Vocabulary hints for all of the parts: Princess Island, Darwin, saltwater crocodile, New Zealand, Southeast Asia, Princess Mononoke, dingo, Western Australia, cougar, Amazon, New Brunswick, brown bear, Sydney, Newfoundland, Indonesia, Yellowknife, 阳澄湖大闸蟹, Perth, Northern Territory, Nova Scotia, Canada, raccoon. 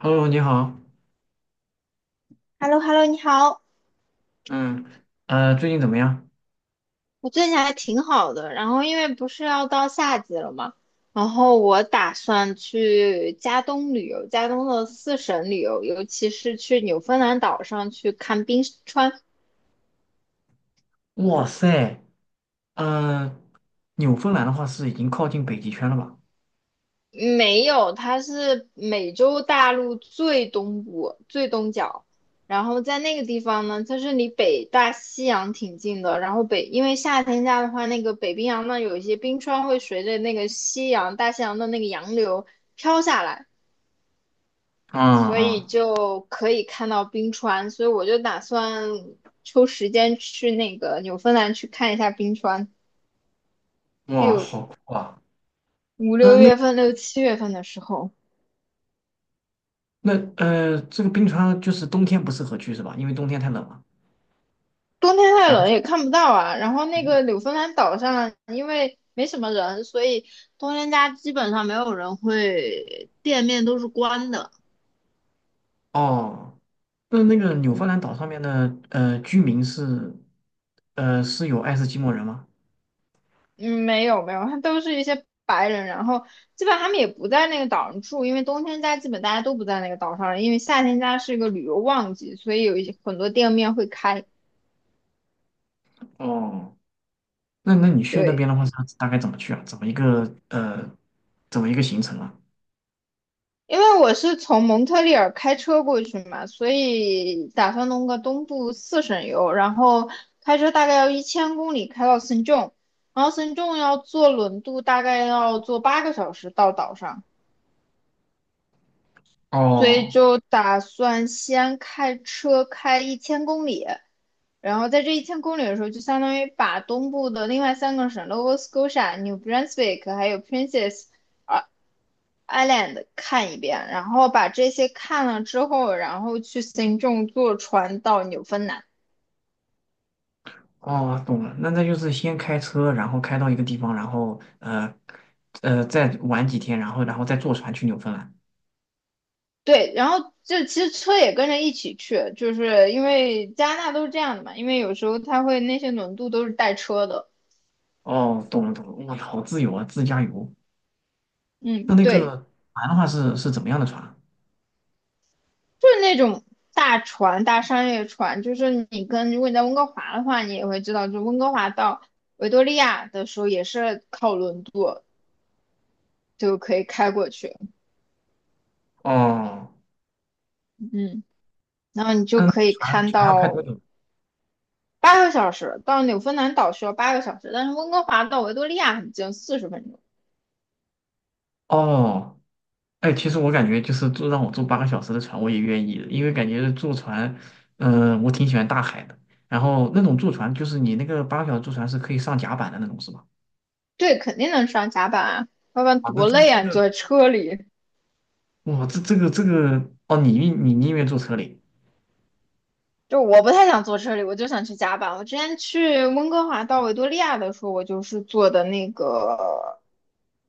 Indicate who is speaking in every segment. Speaker 1: Hello，你好，
Speaker 2: hello hello 你好，
Speaker 1: 嗯，最近怎么样？
Speaker 2: 我最近还挺好的。然后因为不是要到夏季了嘛，然后我打算去加东旅游，加东的四省旅游，尤其是去纽芬兰岛上去看冰川。
Speaker 1: 哇塞，呃，纽芬兰的话是已经靠近北极圈了吧？
Speaker 2: 没有，它是美洲大陆最东部、最东角。然后在那个地方呢，它是离北大西洋挺近的。然后因为夏天家的话，那个北冰洋呢，有一些冰川会随着那个大西洋的那个洋流飘下来。所
Speaker 1: 啊
Speaker 2: 以就可以看到冰川，所以我就打算抽时间去那个纽芬兰去看一下冰川。
Speaker 1: 嗯，哇，
Speaker 2: 六
Speaker 1: 好酷啊！
Speaker 2: 五六
Speaker 1: 嗯、那
Speaker 2: 月份、6、7月份的时候，
Speaker 1: 那这个冰川就是冬天不适合去是吧？因为冬天太冷了。
Speaker 2: 冬天太
Speaker 1: 然后
Speaker 2: 冷
Speaker 1: 是
Speaker 2: 也看不到啊。然后那个纽芬兰岛上，因为没什么人，所以冬天家基本上没有人会，店面都是关的。
Speaker 1: 哦，那个纽芬
Speaker 2: 嗯
Speaker 1: 兰岛上面的居民是是有爱斯基摩人吗？
Speaker 2: 嗯，没有没有，他都是一些白人，然后基本他们也不在那个岛上住，因为冬天家基本大家都不在那个岛上了，因为夏天家是一个旅游旺季，所以有一些很多店面会开。
Speaker 1: 哦，那你去那边的
Speaker 2: 对，
Speaker 1: 话，是大概怎么去啊？怎么一个怎么一个行程啊？
Speaker 2: 因为我是从蒙特利尔开车过去嘛，所以打算弄个东部四省游，然后开车大概要一千公里开到圣仲，然后圣仲要坐轮渡，大概要坐八个小时到岛上。所以
Speaker 1: 哦。
Speaker 2: 就打算先开车开一千公里，然后在这一千公里的时候，就相当于把东部的另外3个省 Nova Scotia、New Brunswick 还有 Princess Island 看一遍，然后把这些看了之后，然后去行政坐船到纽芬兰。
Speaker 1: 哦，懂了，那就是先开车，然后开到一个地方，然后再玩几天，然后再坐船去纽芬兰。
Speaker 2: 对，然后就其实车也跟着一起去，就是因为加拿大都是这样的嘛，因为有时候它会那些轮渡都是带车的。
Speaker 1: 哦，懂了懂了，哇，好自由啊，自驾游。
Speaker 2: 嗯，
Speaker 1: 那那
Speaker 2: 对。
Speaker 1: 个船的话是怎么样的船啊
Speaker 2: 就是那种大船、大商业船，就是你跟如果你在温哥华的话，你也会知道，就温哥华到维多利亚的时候也是靠轮渡就可以开过去，
Speaker 1: 哦，
Speaker 2: 嗯，然后你就
Speaker 1: 嗯，
Speaker 2: 可以
Speaker 1: 船
Speaker 2: 看
Speaker 1: 船要开多
Speaker 2: 到
Speaker 1: 久？
Speaker 2: 八个小时，到纽芬兰岛需要八个小时，但是温哥华到维多利亚很近，40分钟，
Speaker 1: 哦，哎，其实我感觉就是让我坐八个小时的船，我也愿意的，因为感觉坐船，我挺喜欢大海的。然后那种坐船，就是你那个八个小时坐船是可以上甲板的那种，是吧？
Speaker 2: 对，肯定能上甲板啊，要不然
Speaker 1: 啊，那
Speaker 2: 多
Speaker 1: 这
Speaker 2: 累
Speaker 1: 这
Speaker 2: 啊，你
Speaker 1: 个
Speaker 2: 坐在车里。
Speaker 1: 哇，这个哦，你宁愿坐车里，
Speaker 2: 就我不太想坐车里，我就想去甲板。我之前去温哥华到维多利亚的时候，我就是坐的那个，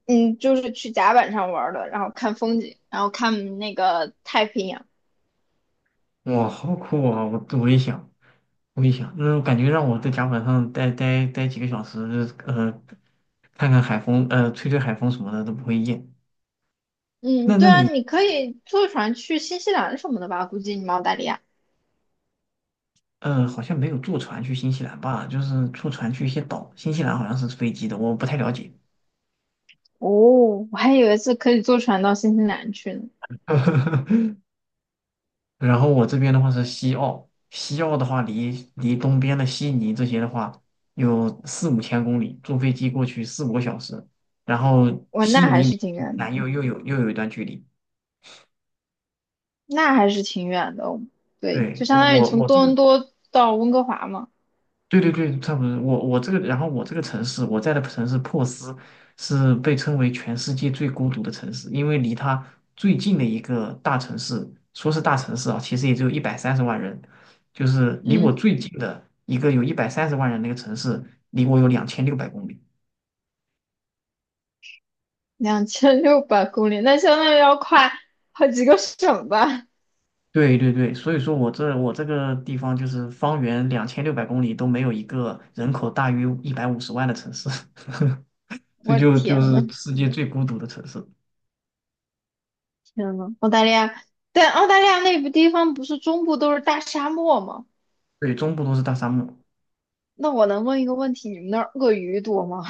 Speaker 2: 嗯，就是去甲板上玩儿的，然后看风景，然后看那个太平洋。
Speaker 1: 哇，好酷啊！我也想，我也想，嗯，感觉让我在甲板上待几个小时，呃，看看海风，吹吹海风什么的都不会厌。
Speaker 2: 嗯，
Speaker 1: 那
Speaker 2: 对
Speaker 1: 那
Speaker 2: 啊，
Speaker 1: 你
Speaker 2: 你可以坐船去新西兰什么的吧？估计你们澳大利亚。
Speaker 1: 好像没有坐船去新西兰吧？就是坐船去一些岛，新西兰好像是飞机的，我不太了解。
Speaker 2: 哦，我还以为是可以坐船到新西兰去呢。
Speaker 1: 然后我这边的话是西澳，西澳的话离东边的悉尼这些的话有4,5千公里，坐飞机过去4,5个小时，然后
Speaker 2: 我那
Speaker 1: 悉
Speaker 2: 还
Speaker 1: 尼离
Speaker 2: 是挺远的，
Speaker 1: 南又有一段距离。
Speaker 2: 那还是挺远的。对，
Speaker 1: 对，
Speaker 2: 就
Speaker 1: 我
Speaker 2: 相当于
Speaker 1: 我
Speaker 2: 从
Speaker 1: 我这
Speaker 2: 多
Speaker 1: 个
Speaker 2: 伦多到温哥华嘛。
Speaker 1: 对对对，差不多。我这个，然后我这个城市，我在的城市珀斯是被称为全世界最孤独的城市，因为离它最近的一个大城市，说是大城市啊，其实也就一百三十万人，就是离我
Speaker 2: 嗯。
Speaker 1: 最近的一个有一百三十万人那个城市，离我有两千六百公里。
Speaker 2: 2600公里，那相当于要跨好几个省吧？
Speaker 1: 对对对，所以说我这个地方就是方圆两千六百公里都没有一个人口大于150万的城市，这
Speaker 2: 我的
Speaker 1: 就就
Speaker 2: 天呐，
Speaker 1: 是世界最孤独的城市。
Speaker 2: 天呐，澳大利亚，但澳大利亚那个地方不是中部都是大沙漠吗？
Speaker 1: 对，中部都是大沙漠。
Speaker 2: 那我能问一个问题，你们那儿鳄鱼多吗？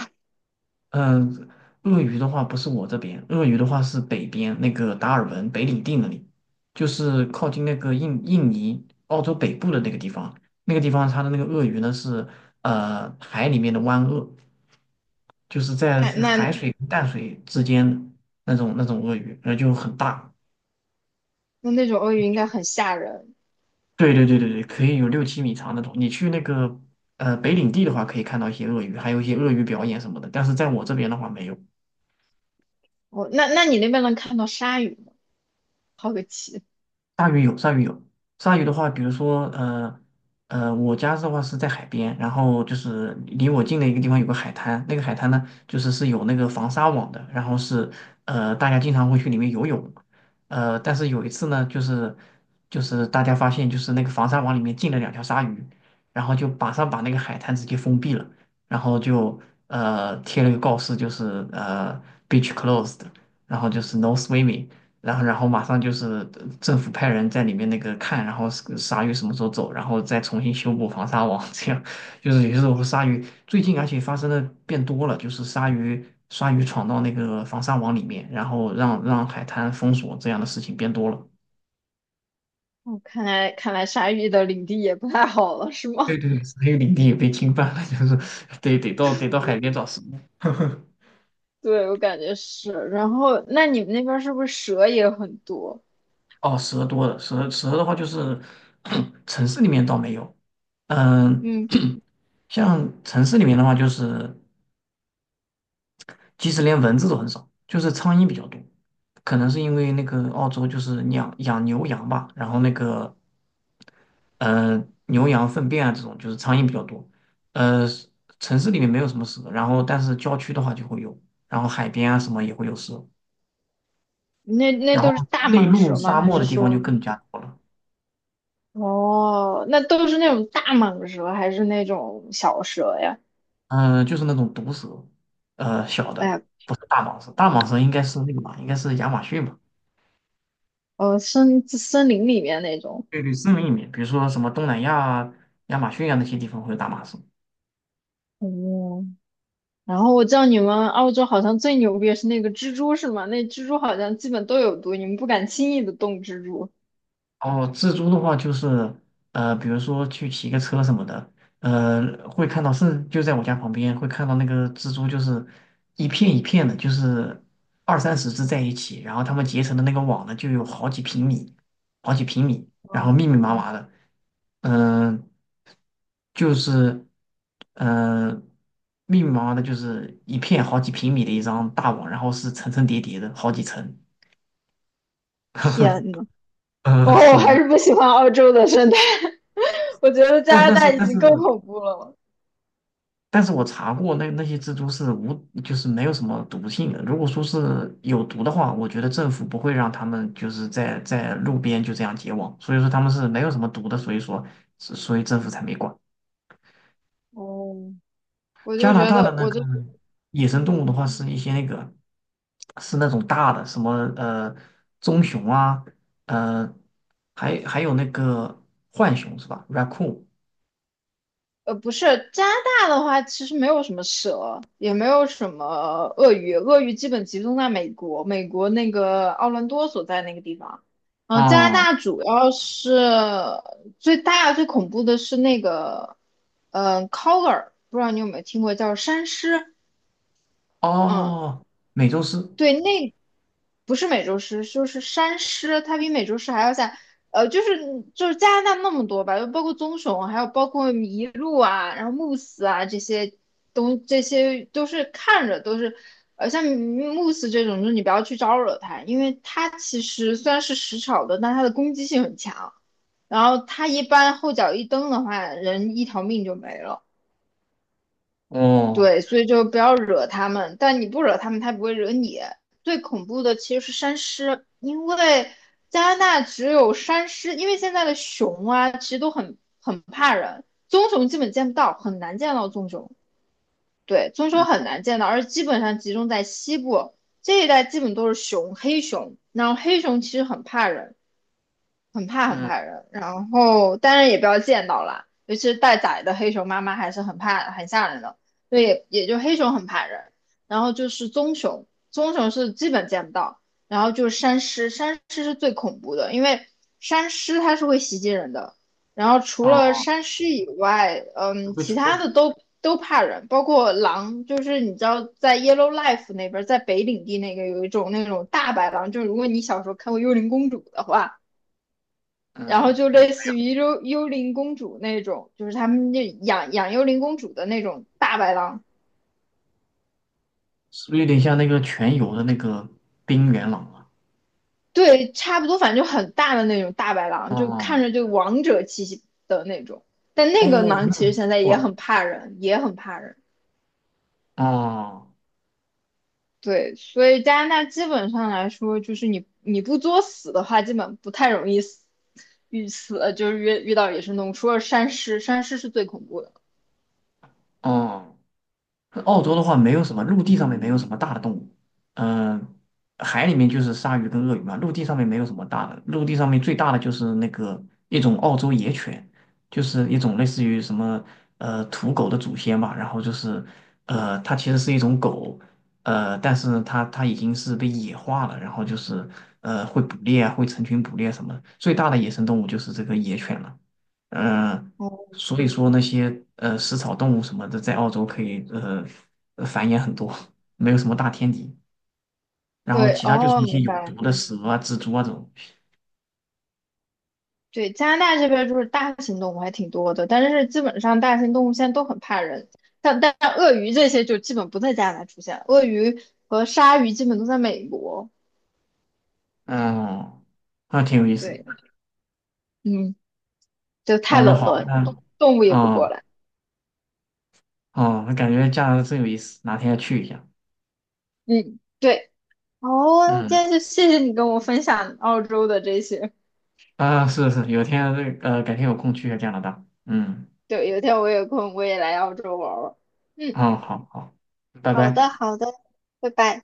Speaker 1: 嗯，鳄鱼的话不是我这边，鳄鱼的话是北边那个达尔文、北领地那里，就是靠近那个印尼、澳洲北部的那个地方。那个地方它的那个鳄鱼呢是海里面的湾鳄，就是 在
Speaker 2: 那那
Speaker 1: 海水跟淡水之间的那种鳄鱼，那就很大。
Speaker 2: 那种鳄鱼应该很吓人。
Speaker 1: 对对对对对，可以有6,7米长那种。你去那个北领地的话，可以看到一些鳄鱼，还有一些鳄鱼表演什么的。但是在我这边的话没有。
Speaker 2: 哦。那你那边能看到鲨鱼吗？好个奇！
Speaker 1: 鲨鱼有，鲨鱼有。鲨鱼的话，比如说，我家的话是在海边，然后就是离我近的一个地方有个海滩，那个海滩呢，就是有那个防鲨网的，然后是，大家经常会去里面游泳，但是有一次呢，就是大家发现就是那个防鲨网里面进了2条鲨鱼，然后就马上把那个海滩直接封闭了，然后就贴了个告示，就是beach closed，然后就是 no swimming。然后马上就是政府派人在里面那个看，然后是鲨鱼什么时候走，然后再重新修补防鲨网，这样就是有时候鲨鱼最近而且发生的变多了，就是鲨鱼闯到那个防鲨网里面，然后让海滩封锁这样的事情变多了。
Speaker 2: 哦，看来看来鲨鱼的领地也不太好了，是
Speaker 1: 对
Speaker 2: 吗？
Speaker 1: 对，鲨鱼领地也被侵犯了，就是 得到海边找食物。
Speaker 2: 对，我感觉是。然后，那你们那边是不是蛇也很多？
Speaker 1: 哦，蛇多了，蛇的话就是 城市里面倒没有，嗯，
Speaker 2: 嗯，
Speaker 1: 像城市里面的话就是。即使连蚊子都很少，就是苍蝇比较多。可能是因为那个澳洲就是养牛羊吧，然后那个呃牛羊粪便啊这种就是苍蝇比较多。呃，城市里面没有什么蛇，然后但是郊区的话就会有，然后海边啊什么也会有蛇，
Speaker 2: 那
Speaker 1: 然
Speaker 2: 都是
Speaker 1: 后
Speaker 2: 大
Speaker 1: 内
Speaker 2: 蟒
Speaker 1: 陆
Speaker 2: 蛇吗？
Speaker 1: 沙
Speaker 2: 还
Speaker 1: 漠
Speaker 2: 是
Speaker 1: 的地方就
Speaker 2: 说，
Speaker 1: 更加多了。
Speaker 2: 哦，那都是那种大蟒蛇，还是那种小蛇呀？
Speaker 1: 嗯、就是那种毒蛇，小
Speaker 2: 哎
Speaker 1: 的
Speaker 2: 呀，
Speaker 1: 不是大蟒蛇，大蟒蛇应该是那个吧，应该是亚马逊吧。
Speaker 2: 森林里面那种。
Speaker 1: 对对，是名一面，比如说什么东南亚啊、亚马逊啊那些地方会有大马士。
Speaker 2: 哦，然后我知道你们澳洲好像最牛逼的是那个蜘蛛，是吗？那蜘蛛好像基本都有毒，你们不敢轻易的动蜘蛛。
Speaker 1: 哦，蜘蛛的话就是，比如说去骑个车什么的，会看到，是就在我家旁边会看到那个蜘蛛，就是一片一片的，就是二三十只在一起，然后它们结成的那个网呢，就有好几平米，好几平米，然
Speaker 2: 哦，
Speaker 1: 后密密麻麻的，嗯、就是，嗯，密密麻麻的，就是一片好几平米的一张大网，然后是层层叠叠的，好几层。
Speaker 2: 天 呐，哦，我
Speaker 1: 是
Speaker 2: 还
Speaker 1: 是，
Speaker 2: 是不喜欢澳洲的生态，我觉得加
Speaker 1: 但
Speaker 2: 拿
Speaker 1: 但
Speaker 2: 大
Speaker 1: 是
Speaker 2: 已
Speaker 1: 但是
Speaker 2: 经够恐怖了。
Speaker 1: 但是我查过那些蜘蛛是无，就是没有什么毒性的。如果说是有毒的话，我觉得政府不会让他们就是在路边就这样结网，所以说他们是没有什么毒的，所以说所以政府才没管。
Speaker 2: 哦，我
Speaker 1: 加
Speaker 2: 就
Speaker 1: 拿
Speaker 2: 觉
Speaker 1: 大的
Speaker 2: 得，
Speaker 1: 那
Speaker 2: 我
Speaker 1: 个
Speaker 2: 就，
Speaker 1: 野生
Speaker 2: 嗯。
Speaker 1: 动物的话，是一些那个是那种大的，什么棕熊啊，呃，还有那个浣熊是吧？raccoon
Speaker 2: 不是，加拿大的话，其实没有什么蛇，也没有什么鳄鱼，鳄鱼基本集中在美国，美国那个奥兰多所在那个地方。嗯，加拿
Speaker 1: 啊、
Speaker 2: 大主要是最大最恐怖的是那个，collar 不知道你有没有听过，叫山狮。嗯，
Speaker 1: 哦，美洲狮
Speaker 2: 对，那不是美洲狮，就是山狮，它比美洲狮还要像，呃，就是就是加拿大那么多吧，就包括棕熊，还有包括麋鹿啊，然后慕斯啊这些这些都是看着都是，像慕斯这种，就是你不要去招惹它，因为它其实虽然是食草的，但它的攻击性很强，然后它一般后脚一蹬的话，人一条命就没了。
Speaker 1: 哦，
Speaker 2: 对，所以就不要惹他们，但你不惹他们，他不会惹你。最恐怖的其实是山狮，因为加拿大只有山狮，因为现在的熊啊，其实都很怕人，棕熊基本见不到，很难见到棕熊。对，棕熊很
Speaker 1: 嗯
Speaker 2: 难见到，而基本上集中在西部这一带，基本都是黑熊，然后黑熊其实很怕人。很怕很
Speaker 1: 嗯
Speaker 2: 怕人，然后当然也不要见到啦，尤其是带崽的黑熊妈妈还是很怕很吓人的，所以也就黑熊很怕人，然后就是棕熊，棕熊是基本见不到，然后就是山狮，山狮是最恐怖的，因为山狮它是会袭击人的，然后除了
Speaker 1: 哦，
Speaker 2: 山狮以外，嗯，
Speaker 1: 会主
Speaker 2: 其他
Speaker 1: 动，
Speaker 2: 的都怕人，包括狼，就是你知道在 Yellowknife 那边，在北领地那个有一种那种大白狼，就是如果你小时候看过《幽灵公主》的话。然后
Speaker 1: 嗯
Speaker 2: 就
Speaker 1: 嗯，
Speaker 2: 类似于幽灵公主那种，就是他们那养幽灵公主的那种大白狼，
Speaker 1: 是不是有点像那个全游的那个冰原狼啊？
Speaker 2: 对，差不多，反正就很大的那种大白狼，就看
Speaker 1: 哦
Speaker 2: 着就王者气息的那种。但那个
Speaker 1: 哦，
Speaker 2: 狼
Speaker 1: 那
Speaker 2: 其
Speaker 1: 很不
Speaker 2: 实现在也
Speaker 1: 错
Speaker 2: 很怕人，也很怕人。
Speaker 1: 啊哦
Speaker 2: 对，所以加拿大基本上来说，就是你不作死的话，基本不太容易死，遇死就是遇到野生动物，除了山狮，山狮是最恐怖的。
Speaker 1: 哦。澳洲的话，没有什么陆地上面没有什么大的动物，嗯、海里面就是鲨鱼跟鳄鱼嘛，陆地上面没有什么大的，陆地上面最大的就是那个一种澳洲野犬，就是一种类似于什么土狗的祖先吧，然后就是它其实是一种狗，但是它已经是被野化了，然后就是会捕猎啊，会成群捕猎什么的，最大的野生动物就是这个野犬了，嗯、
Speaker 2: 哦，
Speaker 1: 所以说那些食草动物什么的，在澳洲可以繁衍很多，没有什么大天敌。然后
Speaker 2: 对，
Speaker 1: 其他就是
Speaker 2: 哦，
Speaker 1: 一些
Speaker 2: 明
Speaker 1: 有
Speaker 2: 白
Speaker 1: 毒
Speaker 2: 了。
Speaker 1: 的蛇啊、蜘蛛啊这种，
Speaker 2: 对，加拿大这边就是大型动物还挺多的，但是基本上大型动物现在都很怕人，像但鳄鱼这些就基本不在加拿大出现，鳄鱼和鲨鱼基本都在美国。
Speaker 1: 嗯，那挺有意思。
Speaker 2: 对，嗯，就太
Speaker 1: 嗯，那
Speaker 2: 冷
Speaker 1: 好，
Speaker 2: 了，动
Speaker 1: 那
Speaker 2: 动物也不过
Speaker 1: 嗯
Speaker 2: 来。
Speaker 1: 嗯，那感觉加拿大真有意思，哪天要去一下。
Speaker 2: 嗯，对。哦，今
Speaker 1: 嗯
Speaker 2: 天就谢谢你跟我分享澳洲的这些。
Speaker 1: 啊，是是，有天改天有空去一下加拿大。嗯
Speaker 2: 对，有一天我有空我也来澳洲玩玩。嗯，
Speaker 1: 嗯，好好，拜
Speaker 2: 好
Speaker 1: 拜。
Speaker 2: 的，好的，拜拜。